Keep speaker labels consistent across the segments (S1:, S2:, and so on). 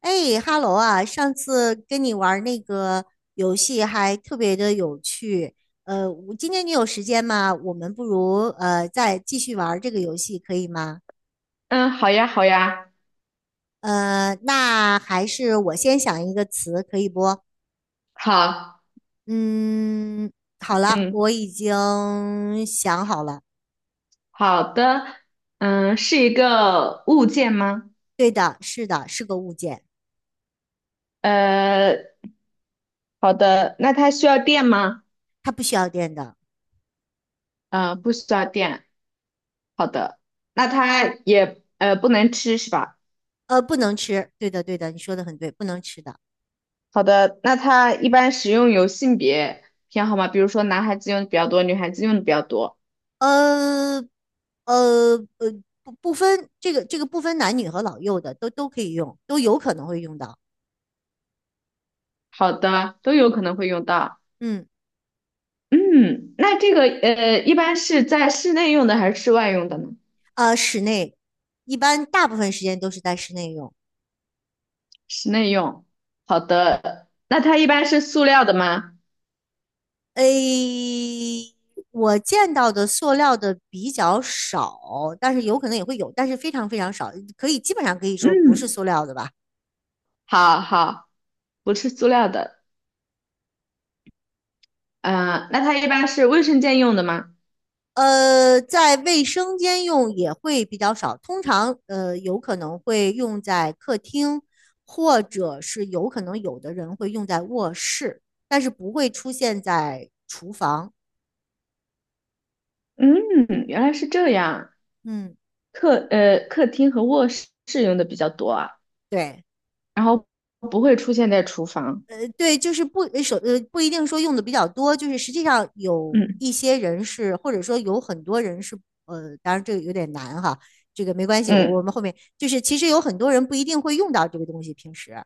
S1: 哎哈喽啊！上次跟你玩儿那个游戏还特别的有趣。我今天你有时间吗？我们不如再继续玩儿这个游戏，可以吗？
S2: 嗯，好呀，好呀，
S1: 那还是我先想一个词，可以不？
S2: 好，
S1: 嗯，好了，
S2: 嗯，
S1: 我已经想好了。
S2: 好的，嗯，是一个物件吗？
S1: 对的，是的，是个物件，
S2: 呃，好的，那它需要电吗？
S1: 它不需要电的。
S2: 不需要电。好的，那它也不能吃是吧？
S1: 呃，不能吃。对的，对的，你说的很对，不能吃的。
S2: 好的，那它一般使用有性别偏好吗？比如说男孩子用的比较多，女孩子用的比较多。
S1: 呃呃呃，不分这个不分男女和老幼的，都可以用，都有可能会用到。
S2: 好的，都有可能会用到。
S1: 嗯，
S2: 嗯，那这个一般是在室内用的还是室外用的呢？
S1: 啊，室内一般大部分时间都是在室内用。
S2: 室内用。好的，那它一般是塑料的吗？
S1: 诶，我见到的塑料的比较少，但是有可能也会有，但是非常非常少，可以基本上可以说不是
S2: 嗯，
S1: 塑料的吧。
S2: 好好，不是塑料的。嗯，那它一般是卫生间用的吗？
S1: 在卫生间用也会比较少，通常有可能会用在客厅，或者是有可能有的人会用在卧室，但是不会出现在厨房。
S2: 嗯，原来是这样。
S1: 嗯，
S2: 客厅和卧室用的比较多啊，
S1: 对，
S2: 然后不会出现在厨房。
S1: 对，就是不一定说用的比较多，就是实际上有
S2: 嗯
S1: 一些人是，或者说有很多人是，当然这个有点难哈，这个没关系，我我
S2: 嗯，
S1: 们后面就是其实有很多人不一定会用到这个东西，平时。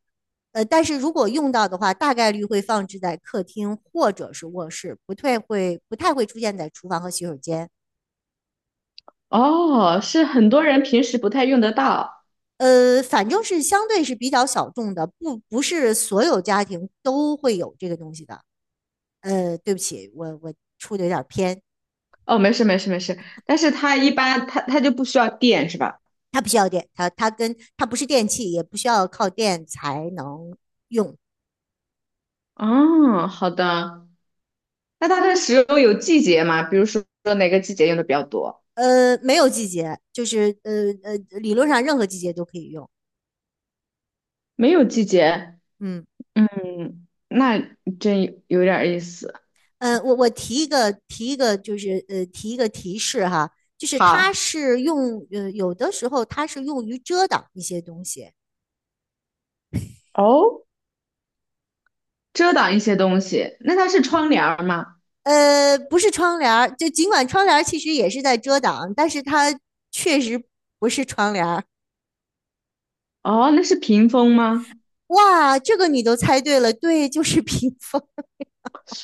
S1: 但是如果用到的话，大概率会放置在客厅或者是卧室，不太会出现在厨房和洗手间。
S2: 哦，是很多人平时不太用得到。
S1: 反正是相对是比较小众的，不是所有家庭都会有这个东西的。呃，对不起，我出的有点偏，
S2: 哦，没事没事没事，但是它一般它就不需要电是吧？
S1: 它不需要电，它跟它不是电器，也不需要靠电才能用。
S2: 哦，好的。那它的石榴有季节吗？比如说哪个季节用的比较多？
S1: 没有季节，就是理论上任何季节都可以用。
S2: 没有季节，
S1: 嗯。
S2: 嗯，那真有点儿意思。
S1: 嗯，我我提一个提一个，就是提一个提示哈，就是它
S2: 好，
S1: 是用呃，有的时候它是用于遮挡一些东西，
S2: 哦，遮挡一些东西，那它是窗帘儿吗？
S1: 呃，不是窗帘儿，就尽管窗帘儿其实也是在遮挡，但是它确实不是窗帘儿。
S2: 哦，那是屏风吗？
S1: 哇，这个你都猜对了，对，就是 屏风。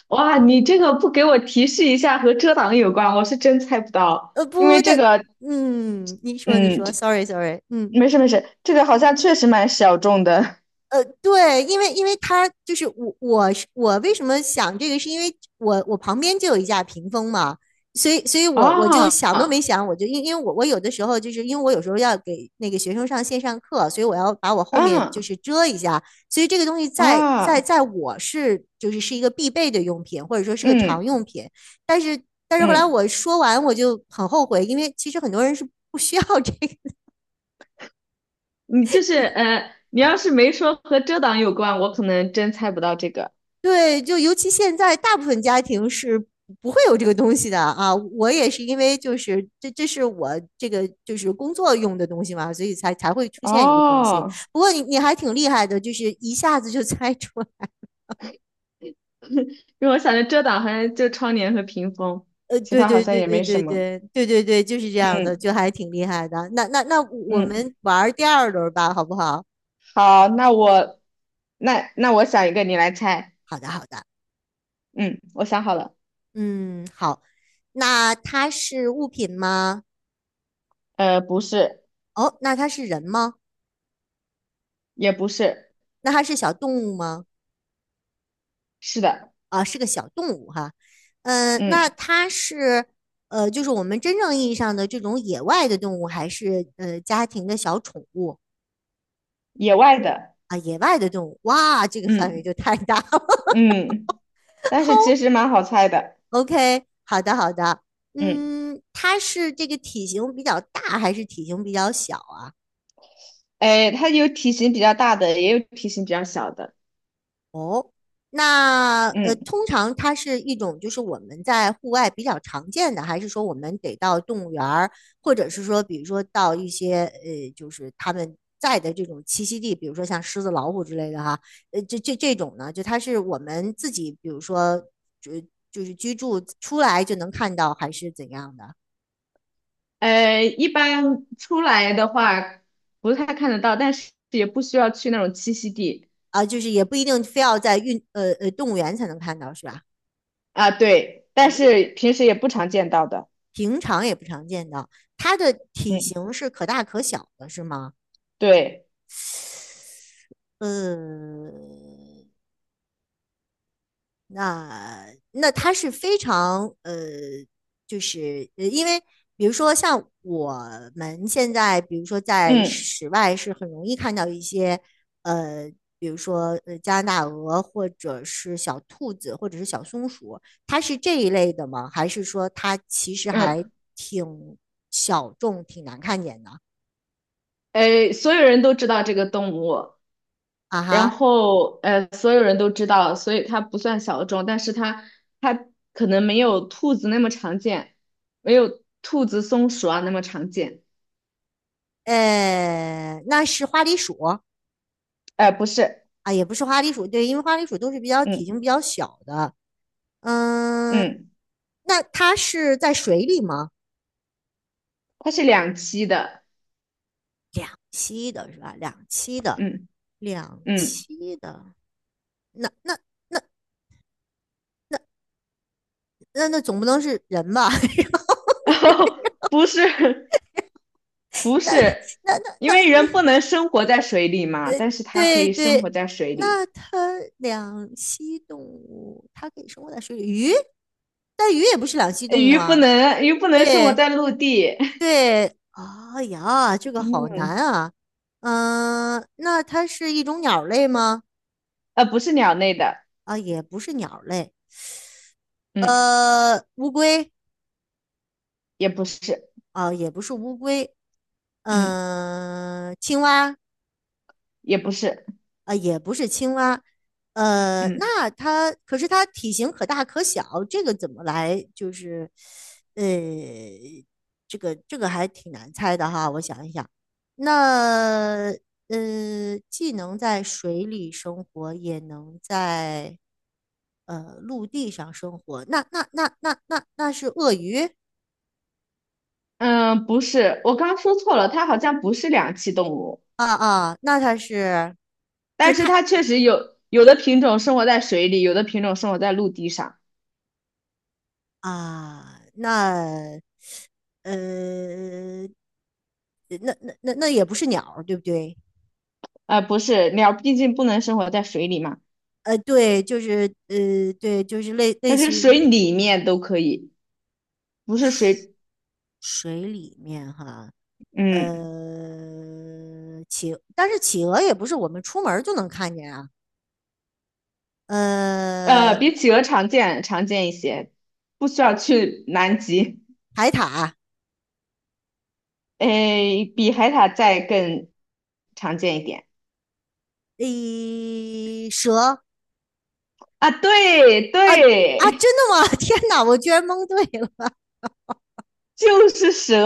S2: 哇，你这个不给我提示一下和遮挡有关，我是真猜不到，
S1: 呃，
S2: 因
S1: 不，
S2: 为这
S1: 但
S2: 个，
S1: 嗯，你说你
S2: 嗯，
S1: 说，sorry sorry，嗯。
S2: 没事没事，这个好像确实蛮小众的。
S1: 呃，对，因为他就是我，我是我为什么想这个，是因为我我旁边就有一架屏风嘛，所以我就
S2: 啊
S1: 想都没
S2: 啊
S1: 想，我就因为我我有的时候就是因为我有时候要给那个学生上线上课，所以我要把我后面就是遮一下，所以这个东西在在
S2: 啊，
S1: 在我是一个必备的用品，或者说是个常用
S2: 嗯
S1: 品，但是但是后来
S2: 嗯。
S1: 我说完我就很后悔，因为其实很多人是不需要这
S2: 你要是没说和遮挡有关，我可能真猜不到这个
S1: 对，就尤其现在大部分家庭是不会有这个东西的啊。我也是因为这是我这个就是工作用的东西嘛，所以才会出现这个东西。
S2: 哦。
S1: 不过你还挺厉害的，就是一下子就 猜出来
S2: 因为我想着遮挡好像就窗帘和屏风，其
S1: 对
S2: 他好
S1: 对
S2: 像
S1: 对
S2: 也
S1: 对
S2: 没
S1: 对
S2: 什么。
S1: 对对对对，就是这样的，
S2: 嗯
S1: 就还挺厉害的。那我
S2: 嗯，
S1: 们玩第二轮吧，好不好？
S2: 好，那我我想一个，你来猜。
S1: 好的好的，
S2: 嗯，我想好了。
S1: 嗯好。那它是物品吗？
S2: 不是，
S1: 哦，那它是人吗？
S2: 也不是，
S1: 那它是小动物吗？
S2: 是的，
S1: 是个小动物哈。嗯，那
S2: 嗯，
S1: 它是就是我们真正意义上的这种野外的动物，还是家庭的小宠物
S2: 野外的，
S1: 啊？野外的动物，哇，这个范围
S2: 嗯
S1: 就太大了。
S2: 嗯，但是
S1: 好
S2: 其实蛮好猜的，
S1: OK，好的好的，
S2: 嗯，
S1: 嗯，它是这个体型比较大还是体型比较小啊？
S2: 哎，它有体型比较大的，也有体型比较小的，
S1: 那
S2: 嗯。
S1: 通常它是一种，就是我们在户外比较常见的，还是说我们得到动物园儿，或者是说，比如说到一些就是他们在的这种栖息地，比如说像狮子、老虎之类的哈，这种呢，就它是我们自己，比如说就就是居住出来就能看到，还是怎样的
S2: 一般出来的话不太看得到，但是也不需要去那种栖息地
S1: 啊？就是也不一定非要在动物园才能看到，是吧？
S2: 啊，对，但是平时也不常见到的，
S1: 平常也不常见到，它的体
S2: 嗯，
S1: 型是可大可小的，是吗？
S2: 对，
S1: 呃，那那它是非常呃，因为比如说像我们现在，比如说在
S2: 嗯
S1: 室外是很容易看到一些呃，比如说加拿大鹅或者是小兔子或者是小松鼠，它是这一类的吗？还是说它其实还
S2: 嗯，
S1: 挺小众、挺难看见的？
S2: 所有人都知道这个动物，
S1: 啊
S2: 然
S1: 哈，
S2: 后所有人都知道，所以它不算小众，但是它可能没有兔子那么常见，没有兔子、松鼠啊那么常见，
S1: 那是花栗鼠。
S2: 不是，
S1: 啊，也不是花栗鼠，对，因为花栗鼠都是比较体
S2: 嗯
S1: 型比较小的。嗯，
S2: 嗯，
S1: 那它是在水里吗？
S2: 它是两栖的，
S1: 两栖的是吧？两栖的，
S2: 嗯
S1: 两
S2: 嗯。
S1: 栖的，那那那那总不能是人吧？
S2: 哦，不是不
S1: 那
S2: 是，
S1: 那那
S2: 因
S1: 那，
S2: 为人
S1: 那
S2: 不能生活在水里嘛，但是它可
S1: 对
S2: 以生
S1: 对，
S2: 活在水里。
S1: 那它两栖动物，它可以生活在水里，鱼，但鱼也不是两栖动物
S2: 鱼不
S1: 啊。
S2: 能生活
S1: 对，
S2: 在陆地，
S1: 对，哎呀，这 个好难
S2: 嗯，
S1: 啊。嗯、那它是一种鸟类吗？
S2: 不是鸟类的，
S1: 啊，也不是鸟类。
S2: 嗯，
S1: 呃，乌龟
S2: 也不是，
S1: 啊，也不是乌龟。
S2: 嗯，
S1: 嗯、青蛙
S2: 也不是，
S1: 呃，也不是青蛙，
S2: 嗯
S1: 那它可是它体型可大可小，这个怎么来就是，呃，这个这个还挺难猜的哈，我想一想，那既能在水里生活，也能在陆地上生活，那是鳄鱼
S2: 嗯，不是，我刚刚说错了，它好像不是两栖动物，
S1: 啊啊，那它是，就是
S2: 但是
S1: 它
S2: 它确实有的品种生活在水里，有的品种生活在陆地上。
S1: 啊，那呃，呃那也不是鸟儿，对不对？
S2: 不是，鸟毕竟不能生活在水里嘛，
S1: 呃，对，就是对，就是类
S2: 但是
S1: 似于
S2: 水里面都可以，不是水，
S1: 水里面哈，
S2: 嗯，
S1: 但是企鹅也不是我们出门儿就能看见啊，呃，
S2: 比企鹅常见一些，不需要去南极，
S1: 海獭，
S2: 诶，比海獭再更常见一点
S1: 诶，蛇
S2: 啊，对
S1: 啊啊，
S2: 对，
S1: 真的吗？天哪，我居然蒙对了。
S2: 就是蛇，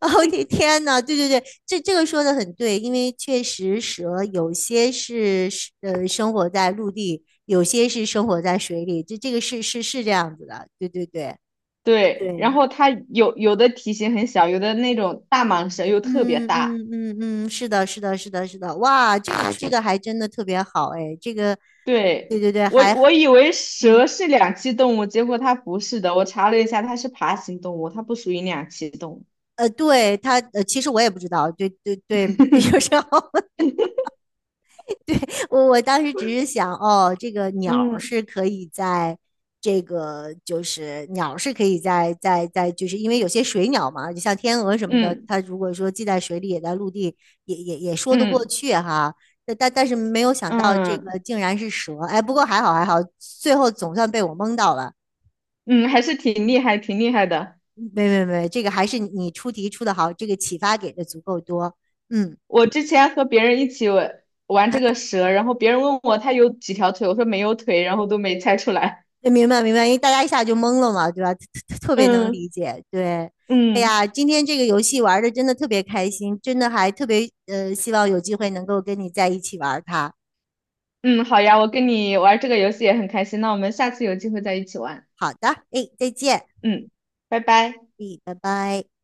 S1: 哦，天呐，对对对，这个说的很对，因为确实蛇有些是生活在陆地，有些是生活在水里，这个是这样子的，对对对
S2: 对，然
S1: 对，
S2: 后它有的体型很小，有的那种大蟒蛇又特别
S1: 嗯
S2: 大，
S1: 嗯嗯嗯，是的，是的，是的，是的，哇，这个这个还真的特别好哎，这个，对
S2: 对，
S1: 对对，
S2: 我
S1: 还
S2: 我以为
S1: 嗯
S2: 蛇是两栖动物，结果它不是的，我查了一下，它是爬行动物，它不属于两栖动物，
S1: 对它其实我也不知道，对对对，有时 候我当时只是想，哦，这个鸟
S2: 嗯
S1: 是可以在这个就是鸟是可以在，就是因为有些水鸟嘛，就像天鹅什么的，
S2: 嗯
S1: 它如果说既在水里也在陆地，也说得
S2: 嗯
S1: 过
S2: 嗯。
S1: 去哈。但是没有想到这个
S2: 嗯
S1: 竟然是蛇，哎，不过还好还好，最后总算被我蒙到了。
S2: 嗯，还是挺厉害，挺厉害的。
S1: 没，这个还是你出题出的好，这个启发给的足够多。嗯。
S2: 我之前和别人一起玩玩这个蛇，然后别人问我它有几条腿，我说没有腿，然后都没猜出来。
S1: 对，明白明白，因为大家一下就懵了嘛，对吧？特 别能理
S2: 嗯
S1: 解。对，哎
S2: 嗯
S1: 呀，今天这个游戏玩的真的特别开心，真的还特别希望有机会能够跟你在一起玩它。
S2: 嗯，好呀，我跟你玩这个游戏也很开心，那我们下次有机会再一起玩。
S1: 好的，哎，再见，
S2: 嗯，拜拜。
S1: 哎，拜拜。